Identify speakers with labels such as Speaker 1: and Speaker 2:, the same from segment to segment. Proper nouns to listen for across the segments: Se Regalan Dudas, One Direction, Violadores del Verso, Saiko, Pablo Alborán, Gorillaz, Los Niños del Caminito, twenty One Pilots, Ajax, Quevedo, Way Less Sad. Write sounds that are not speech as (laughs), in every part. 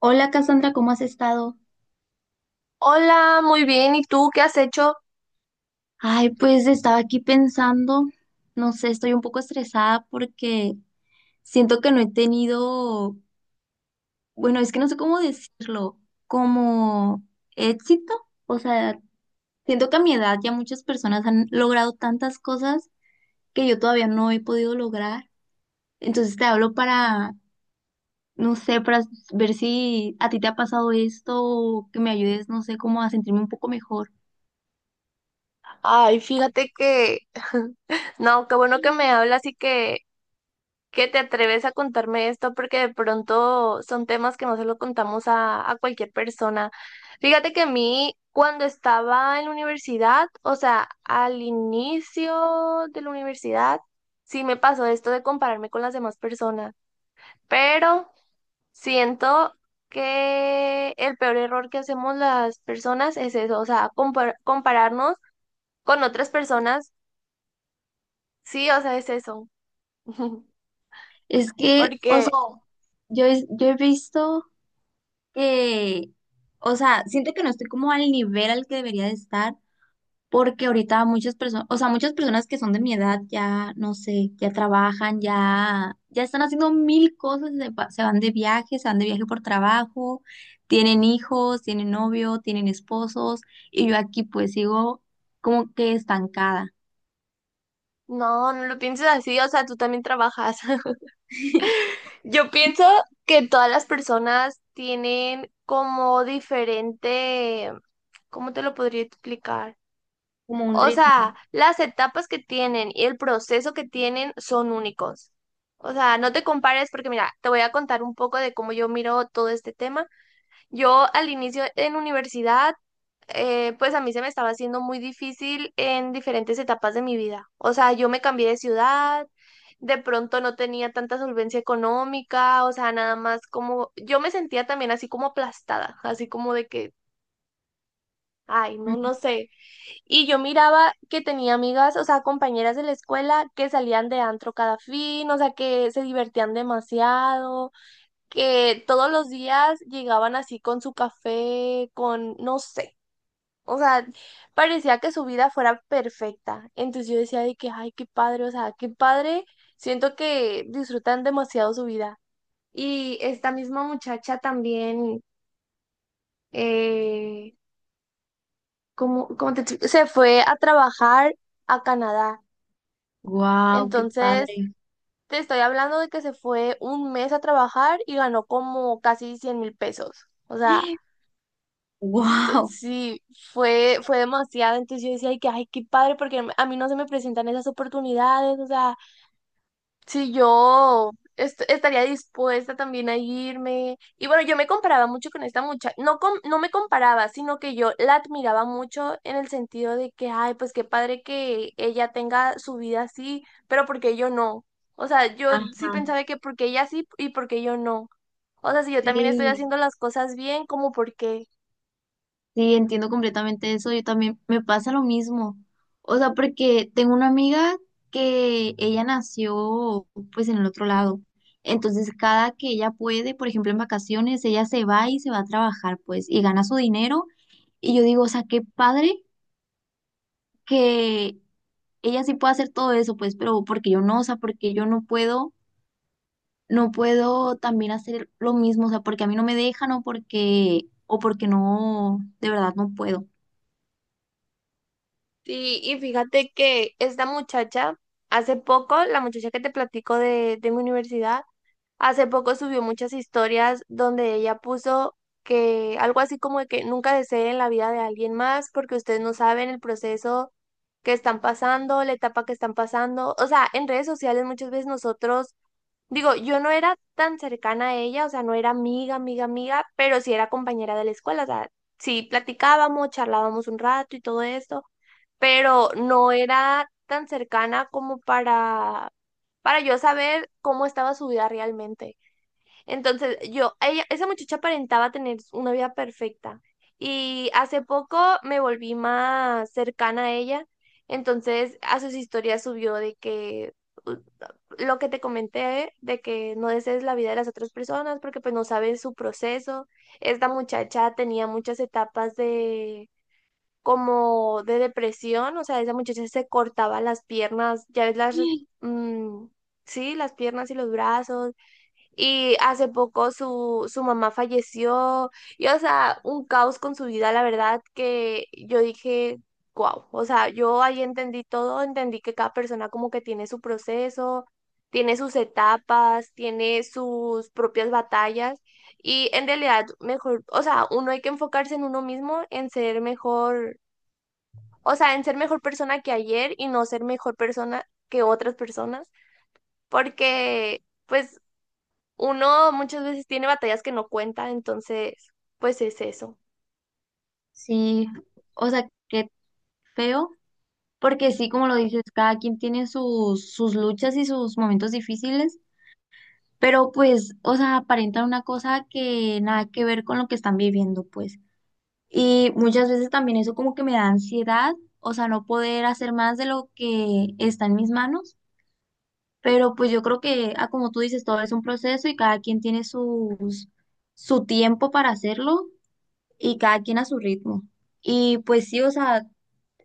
Speaker 1: Hola Cassandra, ¿cómo has estado?
Speaker 2: Hola, muy bien. ¿Y tú qué has hecho?
Speaker 1: Ay, pues estaba aquí pensando, no sé, estoy un poco estresada porque siento que no he tenido, bueno, es que no sé cómo decirlo, como éxito. O sea, siento que a mi edad ya muchas personas han logrado tantas cosas que yo todavía no he podido lograr. Entonces te hablo para, no sé, para ver si a ti te ha pasado esto o que me ayudes, no sé, como a sentirme un poco mejor.
Speaker 2: Ay, fíjate que... (laughs) No, qué bueno que me hablas que te atreves a contarme esto porque de pronto son temas que no se lo contamos a cualquier persona. Fíjate que a mí, cuando estaba en la universidad, o sea, al inicio de la universidad, sí me pasó esto de compararme con las demás personas, pero... Siento que el peor error que hacemos las personas es eso, o sea, compararnos con otras personas, sí, o sea, es eso. (laughs)
Speaker 1: Es que, o sea,
Speaker 2: Porque
Speaker 1: yo he visto que, o sea, siento que no estoy como al nivel al que debería de estar, porque ahorita muchas personas, o sea, muchas personas que son de mi edad ya, no sé, ya trabajan, ya están haciendo mil cosas, se van de viaje, se van de viaje por trabajo, tienen hijos, tienen novio, tienen esposos, y yo aquí pues sigo como que estancada,
Speaker 2: no, no lo pienses así, o sea, tú también trabajas. (laughs)
Speaker 1: (laughs)
Speaker 2: Yo pienso que todas las personas tienen como diferente, ¿cómo te lo podría explicar?
Speaker 1: como un
Speaker 2: O
Speaker 1: ritmo.
Speaker 2: sea, las etapas que tienen y el proceso que tienen son únicos. O sea, no te compares porque mira, te voy a contar un poco de cómo yo miro todo este tema. Yo al inicio en universidad, pues a mí se me estaba haciendo muy difícil en diferentes etapas de mi vida. O sea, yo me cambié de ciudad, de pronto no tenía tanta solvencia económica, o sea, nada más como yo me sentía también así como aplastada, así como de que, ay, no, no sé. Y yo miraba que tenía amigas, o sea, compañeras de la escuela que salían de antro cada fin, o sea, que se divertían demasiado, que todos los días llegaban así con su café, con, no sé, o sea, parecía que su vida fuera perfecta. Entonces yo decía de que, ay, qué padre, o sea, qué padre, siento que disfrutan demasiado su vida. Y esta misma muchacha también, eh, como, como te explico? Se fue a trabajar a Canadá.
Speaker 1: Wow, qué
Speaker 2: Entonces,
Speaker 1: padre.
Speaker 2: te estoy hablando de que se fue 1 mes a trabajar y ganó como casi 100,000 pesos. O sea,
Speaker 1: (gasps) Wow.
Speaker 2: sí, fue demasiado. Entonces yo decía, ay, qué padre, porque a mí no se me presentan esas oportunidades. O sea, si yo estaría dispuesta también a irme. Y bueno, yo me comparaba mucho con esta muchacha. No, no me comparaba, sino que yo la admiraba mucho en el sentido de que, ay, pues qué padre que ella tenga su vida así, ¿pero porque yo no? O sea, yo sí
Speaker 1: Ajá,
Speaker 2: pensaba que porque ella sí y porque yo no. O sea, si yo también estoy
Speaker 1: sí,
Speaker 2: haciendo las cosas bien, como por qué?
Speaker 1: sí, entiendo completamente eso. Yo también me pasa lo mismo. O sea, porque tengo una amiga que ella nació pues en el otro lado. Entonces, cada que ella puede, por ejemplo, en vacaciones, ella se va y se va a trabajar, pues, y gana su dinero. Y yo digo, o sea, qué padre que ella sí pueda hacer todo eso, pues, pero porque yo no, o sea, porque yo no puedo, no puedo también hacer lo mismo, o sea, porque a mí no me dejan o porque no, de verdad no puedo.
Speaker 2: Sí, y fíjate que esta muchacha, hace poco, la muchacha que te platico de mi universidad, hace poco subió muchas historias donde ella puso que algo así como de que nunca deseen la vida de alguien más porque ustedes no saben el proceso que están pasando, la etapa que están pasando. O sea, en redes sociales muchas veces nosotros... Digo, yo no era tan cercana a ella, o sea, no era amiga, amiga, amiga, pero sí era compañera de la escuela, o sea, sí platicábamos, charlábamos un rato y todo esto, pero no era tan cercana como para yo saber cómo estaba su vida realmente. Entonces, yo, ella, esa muchacha aparentaba tener una vida perfecta y hace poco me volví más cercana a ella, entonces a sus historias subió de que lo que te comenté de que no desees la vida de las otras personas porque pues no sabes su proceso. Esta muchacha tenía muchas etapas de como de depresión, o sea, esa muchacha se cortaba las piernas, ya ves las, mm, sí, las piernas y los brazos y hace poco su mamá falleció. Y, o sea, un caos con su vida, la verdad, que yo dije, wow. O sea, yo ahí entendí todo, entendí que cada persona como que tiene su proceso, tiene sus etapas, tiene sus propias batallas. Y en realidad, mejor, o sea, uno hay que enfocarse en uno mismo, en ser mejor, o sea, en ser mejor persona que ayer y no ser mejor persona que otras personas, porque pues uno muchas veces tiene batallas que no cuenta, entonces, pues es eso.
Speaker 1: Sí, o sea, qué feo, porque sí, como lo dices, cada quien tiene sus, sus luchas y sus momentos difíciles, pero pues, o sea, aparentan una cosa que nada que ver con lo que están viviendo, pues. Y muchas veces también eso como que me da ansiedad, o sea, no poder hacer más de lo que está en mis manos, pero pues yo creo que, ah, como tú dices, todo es un proceso y cada quien tiene sus, su tiempo para hacerlo y cada quien a su ritmo. Y pues sí, o sea,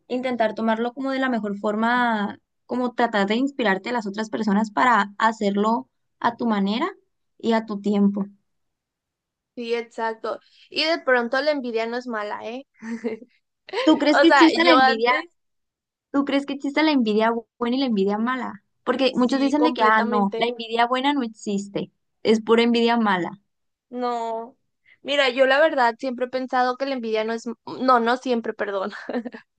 Speaker 1: intentar tomarlo como de la mejor forma, como tratar de inspirarte a las otras personas para hacerlo a tu manera y a tu tiempo.
Speaker 2: Sí, exacto. Y de pronto la envidia no es mala, ¿eh? (laughs)
Speaker 1: ¿Tú crees
Speaker 2: O
Speaker 1: que
Speaker 2: sea,
Speaker 1: existe la
Speaker 2: yo
Speaker 1: envidia?
Speaker 2: antes
Speaker 1: ¿Tú crees que existe la envidia buena y la envidia mala? Porque muchos
Speaker 2: sí,
Speaker 1: dicen de que, ah, no, la
Speaker 2: completamente.
Speaker 1: envidia buena no existe, es pura envidia mala.
Speaker 2: No. Mira, yo la verdad siempre he pensado que la envidia no es, no, no siempre, perdón,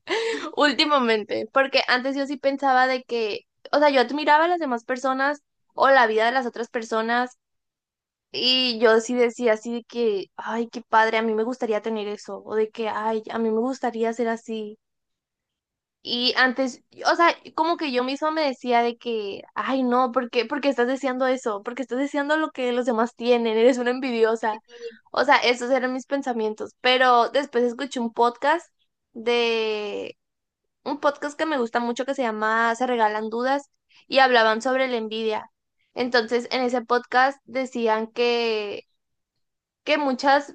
Speaker 2: (laughs) últimamente, porque antes yo sí pensaba de que, o sea, yo admiraba a las demás personas o la vida de las otras personas. Y yo sí decía así de que, ay, qué padre, a mí me gustaría tener eso, o de que, ay, a mí me gustaría ser así. Y antes, o sea, como que yo misma me decía de que, ay, no, ¿por qué? ¿Por qué estás deseando eso? ¿Por qué estás deseando lo que los demás tienen? Eres una envidiosa.
Speaker 1: Sí.
Speaker 2: O sea, esos eran mis pensamientos. Pero después escuché un podcast de, un podcast que me gusta mucho que se llama Se Regalan Dudas y hablaban sobre la envidia. Entonces, en ese podcast decían que muchas,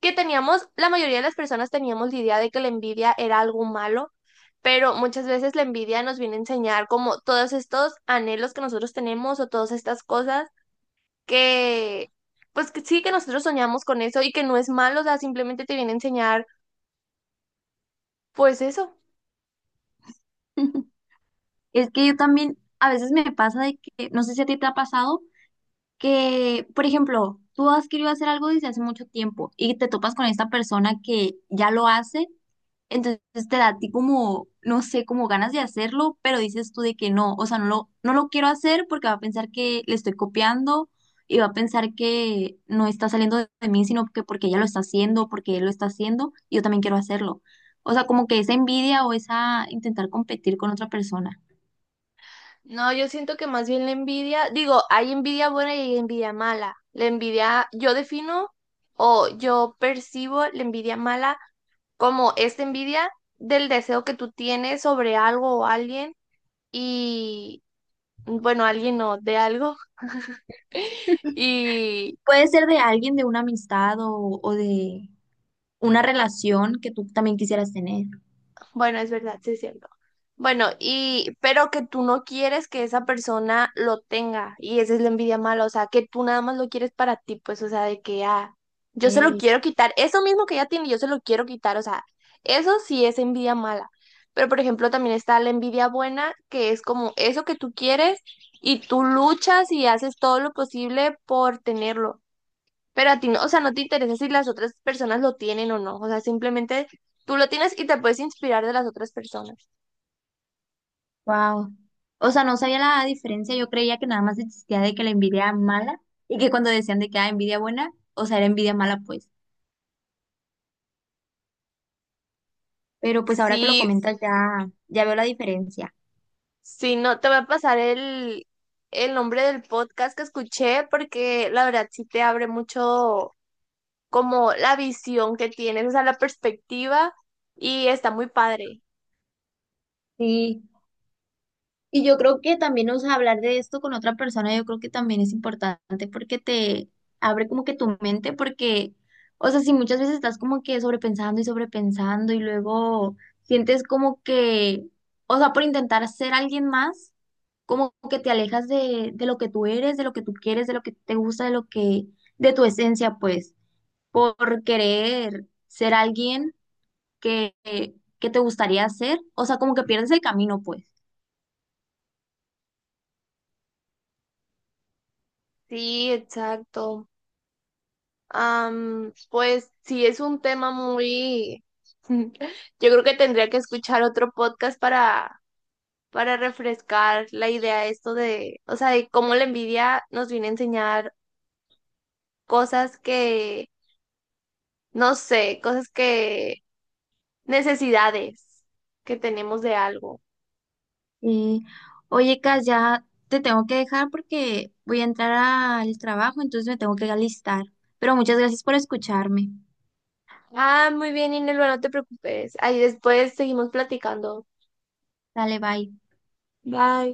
Speaker 2: que teníamos, la mayoría de las personas teníamos la idea de que la envidia era algo malo, pero muchas veces la envidia nos viene a enseñar como todos estos anhelos que nosotros tenemos o todas estas cosas que, pues que sí, que nosotros soñamos con eso y que no es malo, o sea, simplemente te viene a enseñar, pues eso.
Speaker 1: (laughs) Es que yo también, a veces me pasa de que, no sé si a ti te ha pasado, que, por ejemplo, tú has querido hacer algo desde hace mucho tiempo y te topas con esta persona que ya lo hace. Entonces te da a ti como, no sé, como ganas de hacerlo, pero dices tú de que no, o sea, no lo quiero hacer porque va a pensar que le estoy copiando y va a pensar que no está saliendo de mí, sino que porque ella lo está haciendo, porque él lo está haciendo y yo también quiero hacerlo. O sea, como que esa envidia o esa intentar competir con otra persona.
Speaker 2: No, yo siento que más bien la envidia, digo, hay envidia buena y hay envidia mala. La envidia, yo defino o yo percibo la envidia mala como esta envidia del deseo que tú tienes sobre algo o alguien y, bueno, alguien no, de algo. (laughs)
Speaker 1: (laughs)
Speaker 2: Y,
Speaker 1: Puede ser de alguien, de una amistad o de una relación que tú también quisieras tener.
Speaker 2: bueno, es verdad, sí es cierto. Bueno, y pero que tú no quieres que esa persona lo tenga, y esa es la envidia mala, o sea, que tú nada más lo quieres para ti, pues, o sea, de que ah, yo se lo
Speaker 1: Ok.
Speaker 2: quiero quitar, eso mismo que ella tiene, yo se lo quiero quitar, o sea, eso sí es envidia mala. Pero, por ejemplo, también está la envidia buena, que es como eso que tú quieres y tú luchas y haces todo lo posible por tenerlo. Pero a ti no, o sea, no te interesa si las otras personas lo tienen o no. O sea, simplemente tú lo tienes y te puedes inspirar de las otras personas.
Speaker 1: Wow. O sea, no sabía la diferencia. Yo creía que nada más existía de que la envidia mala y que cuando decían de que ah, envidia buena, o sea, era envidia mala, pues. Pero pues ahora que lo
Speaker 2: Sí,
Speaker 1: comentas ya, ya veo la diferencia.
Speaker 2: sí, no, te voy a pasar el nombre del podcast que escuché porque la verdad sí te abre mucho como la visión que tienes, o sea, la perspectiva y está muy padre.
Speaker 1: Sí. Y yo creo que también, o sea, hablar de esto con otra persona, yo creo que también es importante porque te abre como que tu mente, porque, o sea, si muchas veces estás como que sobrepensando y sobrepensando y luego sientes como que, o sea, por intentar ser alguien más como que te alejas de lo que tú eres, de lo que tú quieres, de lo que te gusta, de lo que, de tu esencia, pues, por querer ser alguien que, que te gustaría ser, o sea, como que pierdes el camino, pues.
Speaker 2: Sí, exacto. Am, pues sí, es un tema muy... (laughs) Yo creo que tendría que escuchar otro podcast para refrescar la idea de esto de, o sea, de cómo la envidia nos viene a enseñar cosas que, no sé, cosas que, necesidades que tenemos de algo.
Speaker 1: Y, oye, Cas, ya te tengo que dejar porque voy a entrar al trabajo, entonces me tengo que alistar. Pero muchas gracias por escucharme.
Speaker 2: Ah, muy bien, Inelva, no te preocupes. Ahí después seguimos platicando.
Speaker 1: Dale, bye.
Speaker 2: Bye.